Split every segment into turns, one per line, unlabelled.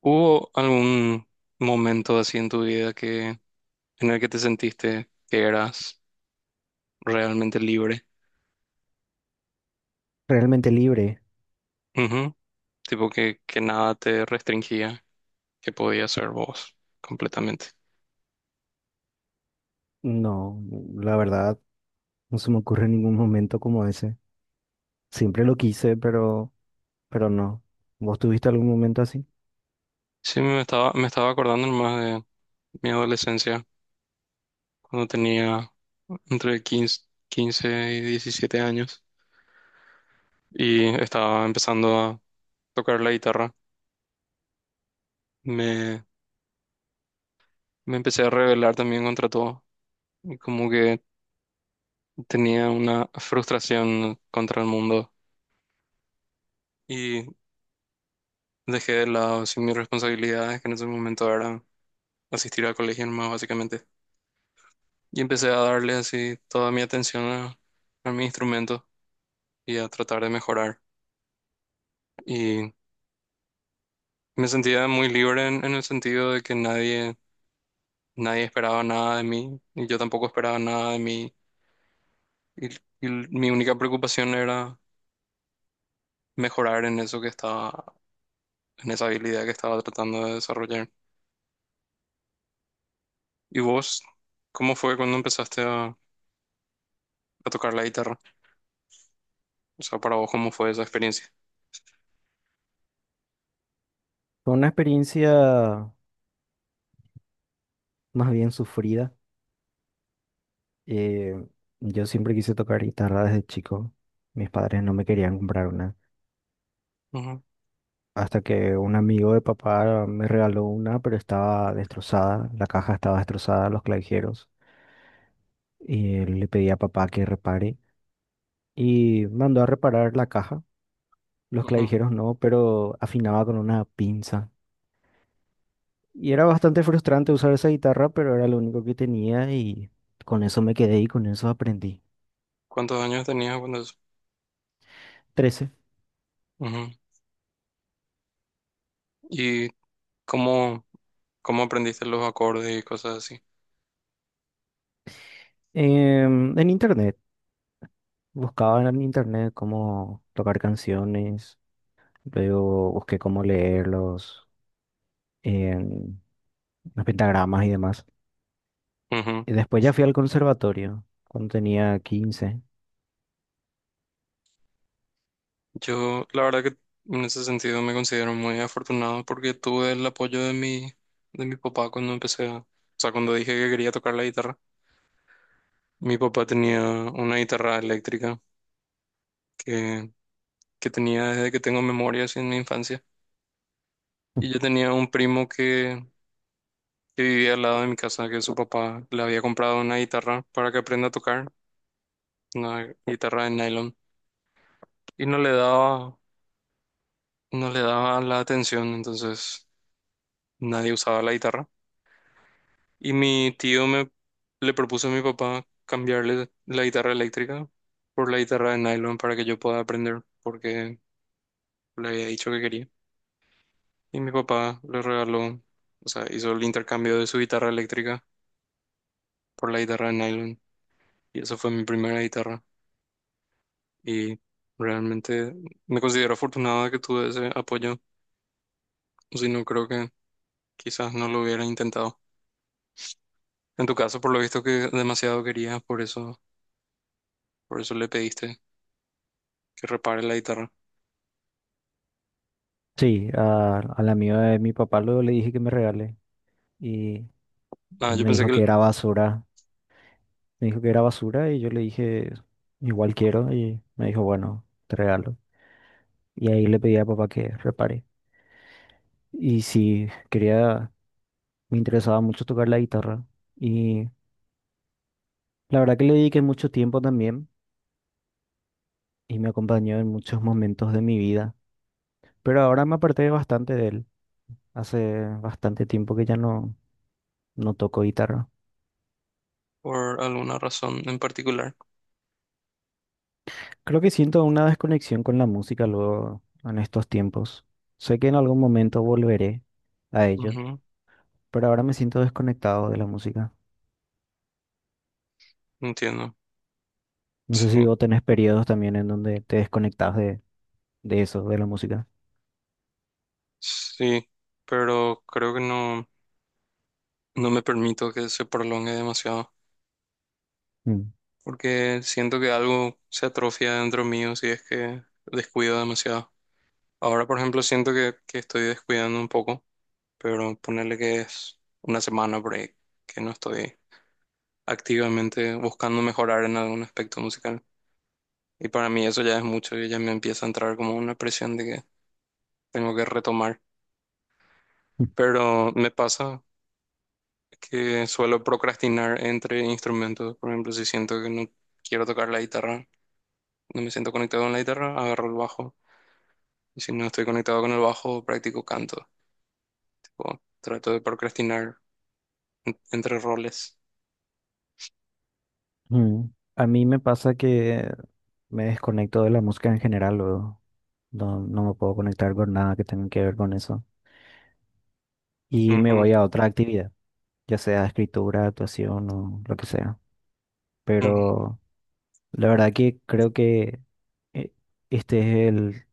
¿Hubo algún momento así en tu vida que en el que te sentiste que eras realmente libre?
Realmente libre.
Ujú. Tipo que nada te restringía, que podías ser vos completamente.
No, la verdad, no se me ocurre ningún momento como ese. Siempre lo quise, pero no. ¿Vos tuviste algún momento así?
Sí, me estaba acordando más de mi adolescencia, cuando tenía entre 15 y 17 años y estaba empezando a tocar la guitarra. Me, me empecé a rebelar también contra todo. Y como que tenía una frustración contra el mundo y dejé de lado sin mis responsabilidades, que en ese momento era asistir al colegio nomás, básicamente. Y empecé a darle así toda mi atención a mi instrumento y a tratar de mejorar. Y me sentía muy libre en el sentido de que nadie esperaba nada de mí y yo tampoco esperaba nada de mí. Y, y mi única preocupación era mejorar en eso que estaba, en esa habilidad que estaba tratando de desarrollar. ¿Y vos, cómo fue cuando empezaste a tocar la guitarra? O sea, para vos, ¿cómo fue esa experiencia?
Fue una experiencia más bien sufrida. Eh, yo siempre quise tocar guitarra desde chico. Mis padres no me querían comprar una.
Ujú,
Hasta que un amigo de papá me regaló una, pero estaba destrozada. La caja estaba destrozada, los clavijeros. Y le pedí a papá que repare. Y mandó a reparar la caja. Los
ujú.
clavijeros no, pero afinaba con una pinza. Y era bastante frustrante usar esa guitarra, pero era lo único que tenía y con eso me quedé y con eso aprendí.
¿Cuántos años tenías cuando eso?
13.
Ujú. Y cómo, cómo aprendiste los acordes y cosas así?
En internet. Buscaba en internet cómo tocar canciones, luego busqué cómo leerlos en los pentagramas y demás.
Ujú.
Y después ya fui al conservatorio cuando tenía 15.
Yo, la verdad que en ese sentido me considero muy afortunado porque tuve el apoyo de de mi papá cuando empecé a... O sea, cuando dije que quería tocar la guitarra, mi papá tenía una guitarra eléctrica que, que tenía desde que tengo memoria, así en mi infancia. Y yo tenía un primo que vivía al lado de mi casa, que su papá le había comprado una guitarra para que aprenda a tocar, una guitarra de nylon, y no le daba la atención, entonces nadie usaba la guitarra. Y mi tío me le propuso a mi papá cambiarle la guitarra eléctrica por la guitarra de nylon para que yo pueda aprender, porque le había dicho que quería. Y mi papá le regaló, o sea, hizo el intercambio de su guitarra eléctrica por la guitarra de nylon, y esa fue mi primera guitarra. Y realmente me considero afortunado de que tuve ese apoyo, o si no creo que quizás no lo hubiera intentado. En tu caso, por lo visto que demasiado querías, por eso le pediste que repare la guitarra.
Sí, al amigo de mi papá luego le dije que me regale, y
Ah,
él
yo
me
pensé
dijo
que
que era basura. Me dijo que era basura y yo le dije, igual quiero. Y me dijo, bueno, te regalo. Y ahí le pedí a papá que repare. Y sí, quería, me interesaba mucho tocar la guitarra. Y la verdad que le dediqué mucho tiempo también y me acompañó en muchos momentos de mi vida. Pero ahora me aparté bastante de él. Hace bastante tiempo que ya no toco guitarra.
por alguna razón en particular.
Creo que siento una desconexión con la música luego en estos tiempos. Sé que en algún momento volveré a ello,
Ujú.
pero ahora me siento desconectado de la música.
Entiendo.
No sé
Sí,
si vos tenés periodos también en donde te desconectás de eso, de la música.
sí, pero creo que no, no me permito que se prolongue demasiado,
Mm.
porque siento que algo se atrofia dentro mío si es que descuido demasiado. Ahora, por ejemplo, siento que estoy descuidando un poco, pero ponerle que es una semana por ahí que no estoy activamente buscando mejorar en algún aspecto musical. Y para mí eso ya es mucho y ya me empieza a entrar como una presión de que tengo que retomar. Pero me pasa que suelo procrastinar entre instrumentos. Por ejemplo, si siento que no quiero tocar la guitarra, no me siento conectado con la guitarra, agarro el bajo. Y si no estoy conectado con el bajo, practico canto. Tipo, trato de procrastinar entre roles.
Mm. A mí me pasa que me desconecto de la música en general, luego. No me puedo conectar con nada que tenga que ver con eso. Y me
Ujú,
voy a otra actividad, ya sea escritura, actuación o lo que sea.
ujú,
Pero la verdad que creo que eh, este es el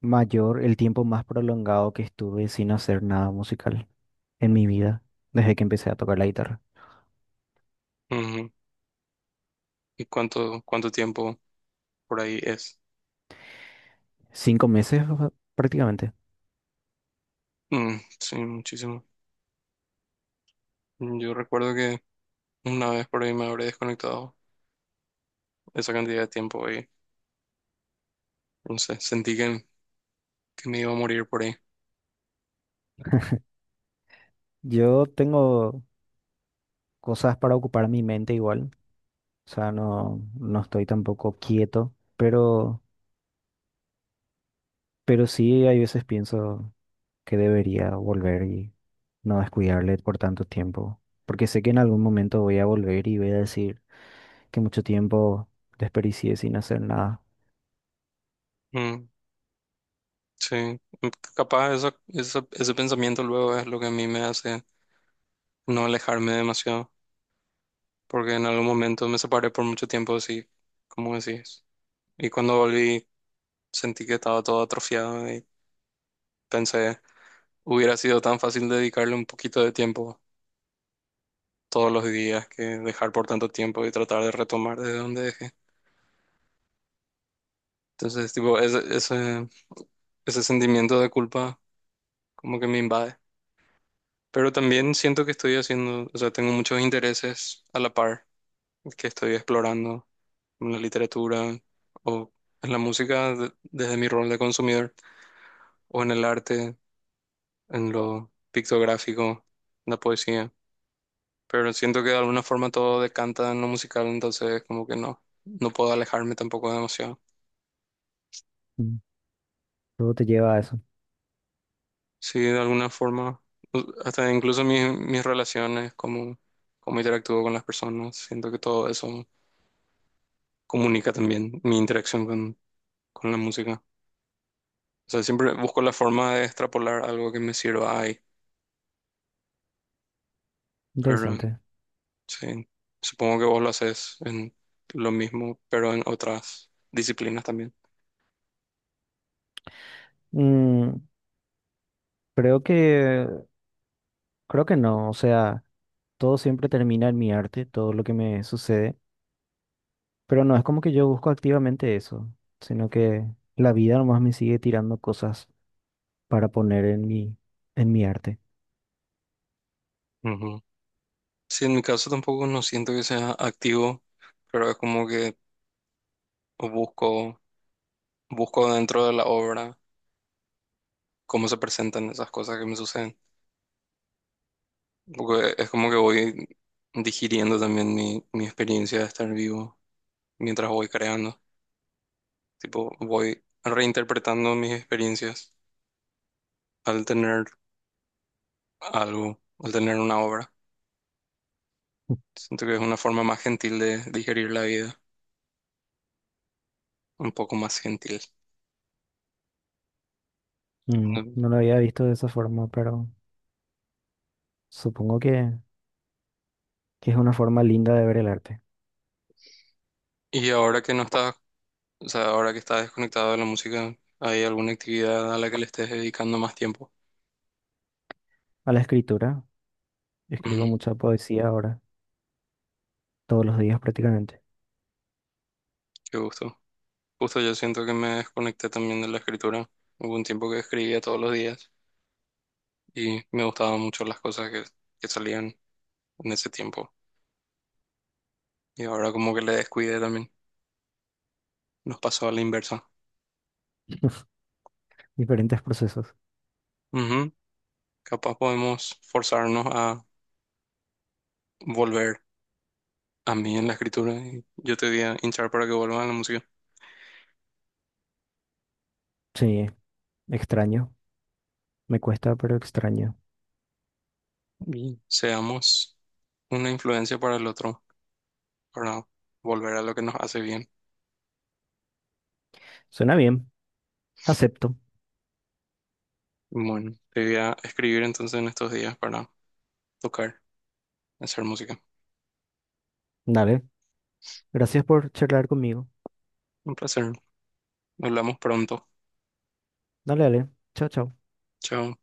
mayor, el tiempo más prolongado que estuve sin hacer nada musical en mi vida, desde que empecé a tocar la guitarra.
ujú. ¿Y cuánto tiempo por ahí es?
5 meses, o sea, prácticamente.
Mm, sí, muchísimo. Yo recuerdo que una vez por ahí me habré desconectado esa cantidad de tiempo y no sé, sentí que me iba a morir por ahí.
Yo tengo cosas para ocupar mi mente igual, o sea, no estoy tampoco quieto, pero sí hay veces pienso que debería volver y no descuidarle por tanto tiempo, porque sé que en algún momento voy a volver y voy a decir que mucho tiempo desperdicié sin hacer nada.
Mm, sí. Mm, capaz ese pensamiento luego es lo que a mí me hace no alejarme demasiado, porque en algún momento me separé por mucho tiempo así, como decís. Y cuando volví sentí que estaba todo atrofiado y pensé... Hubiera sido tan fácil dedicarle un poquito de tiempo todos los días que dejar por tanto tiempo y tratar de retomar desde donde dejé. Entonces, tipo, ese sentimiento de culpa como que me invade. Pero también siento que estoy haciendo, o sea, tengo muchos intereses a la par que estoy explorando en la literatura o en la música desde mi rol de consumidor o en el arte, en lo pictográfico, en la poesía. Pero siento que de alguna forma todo decanta en lo musical, entonces como que no, no puedo alejarme tampoco demasiado.
Mm. Todo te lleva a eso.
Sí, de alguna forma, hasta incluso mis relaciones, cómo interactúo con las personas, siento que todo eso comunica también mi interacción con la música. O sea, siempre busco la forma de extrapolar algo que me sirva ahí, pero
Interesante.
sí, supongo que vos lo haces en lo mismo, pero en otras disciplinas también.
Mm, creo que, creo que no, o sea, todo siempre termina en mi arte, todo lo que me sucede, pero no es como que yo busco activamente eso, sino que la vida nomás me sigue tirando cosas para poner en mi arte.
Sí, en mi caso tampoco no siento que sea activo, pero es como que busco, busco dentro de la obra cómo se presentan esas cosas que me suceden. Porque es como que voy digiriendo también mi experiencia de estar vivo mientras voy creando. Tipo, voy reinterpretando mis experiencias al tener algo, al tener una obra. Siento que es una forma más gentil de digerir la vida, un poco más gentil.
Mm, no lo había visto de esa forma, pero supongo que es una forma linda de ver el arte.
Y ahora que no Bueno, o sea, ahora que estás desconectado de la música, ¿hay alguna actividad a la que le estés dedicando más tiempo?
A la escritura,
Ujú,
escribo mucha poesía ahora, todos los días prácticamente,
qué gusto. Justo yo siento que me desconecté también de la escritura. Hubo un tiempo que escribía todos los días y me gustaban mucho las cosas que salían en ese tiempo. Y ahora como que le descuidé también. Nos pasó a la inversa.
diferentes procesos.
Ujú. Capaz podemos forzarnos a volver a mí en la escritura y yo te voy a hinchar para que vuelvan a la música.
Sí, extraño. Me cuesta, pero extraño.
Y seamos una influencia para el otro, para volver a lo que nos hace bien.
Suena bien. Acepto.
Bueno, te voy a escribir entonces en estos días para tocar, hacer música.
Dale. Gracias por charlar conmigo.
Un placer. Hablamos pronto.
Dale, dale. Chao, chao.
Chao.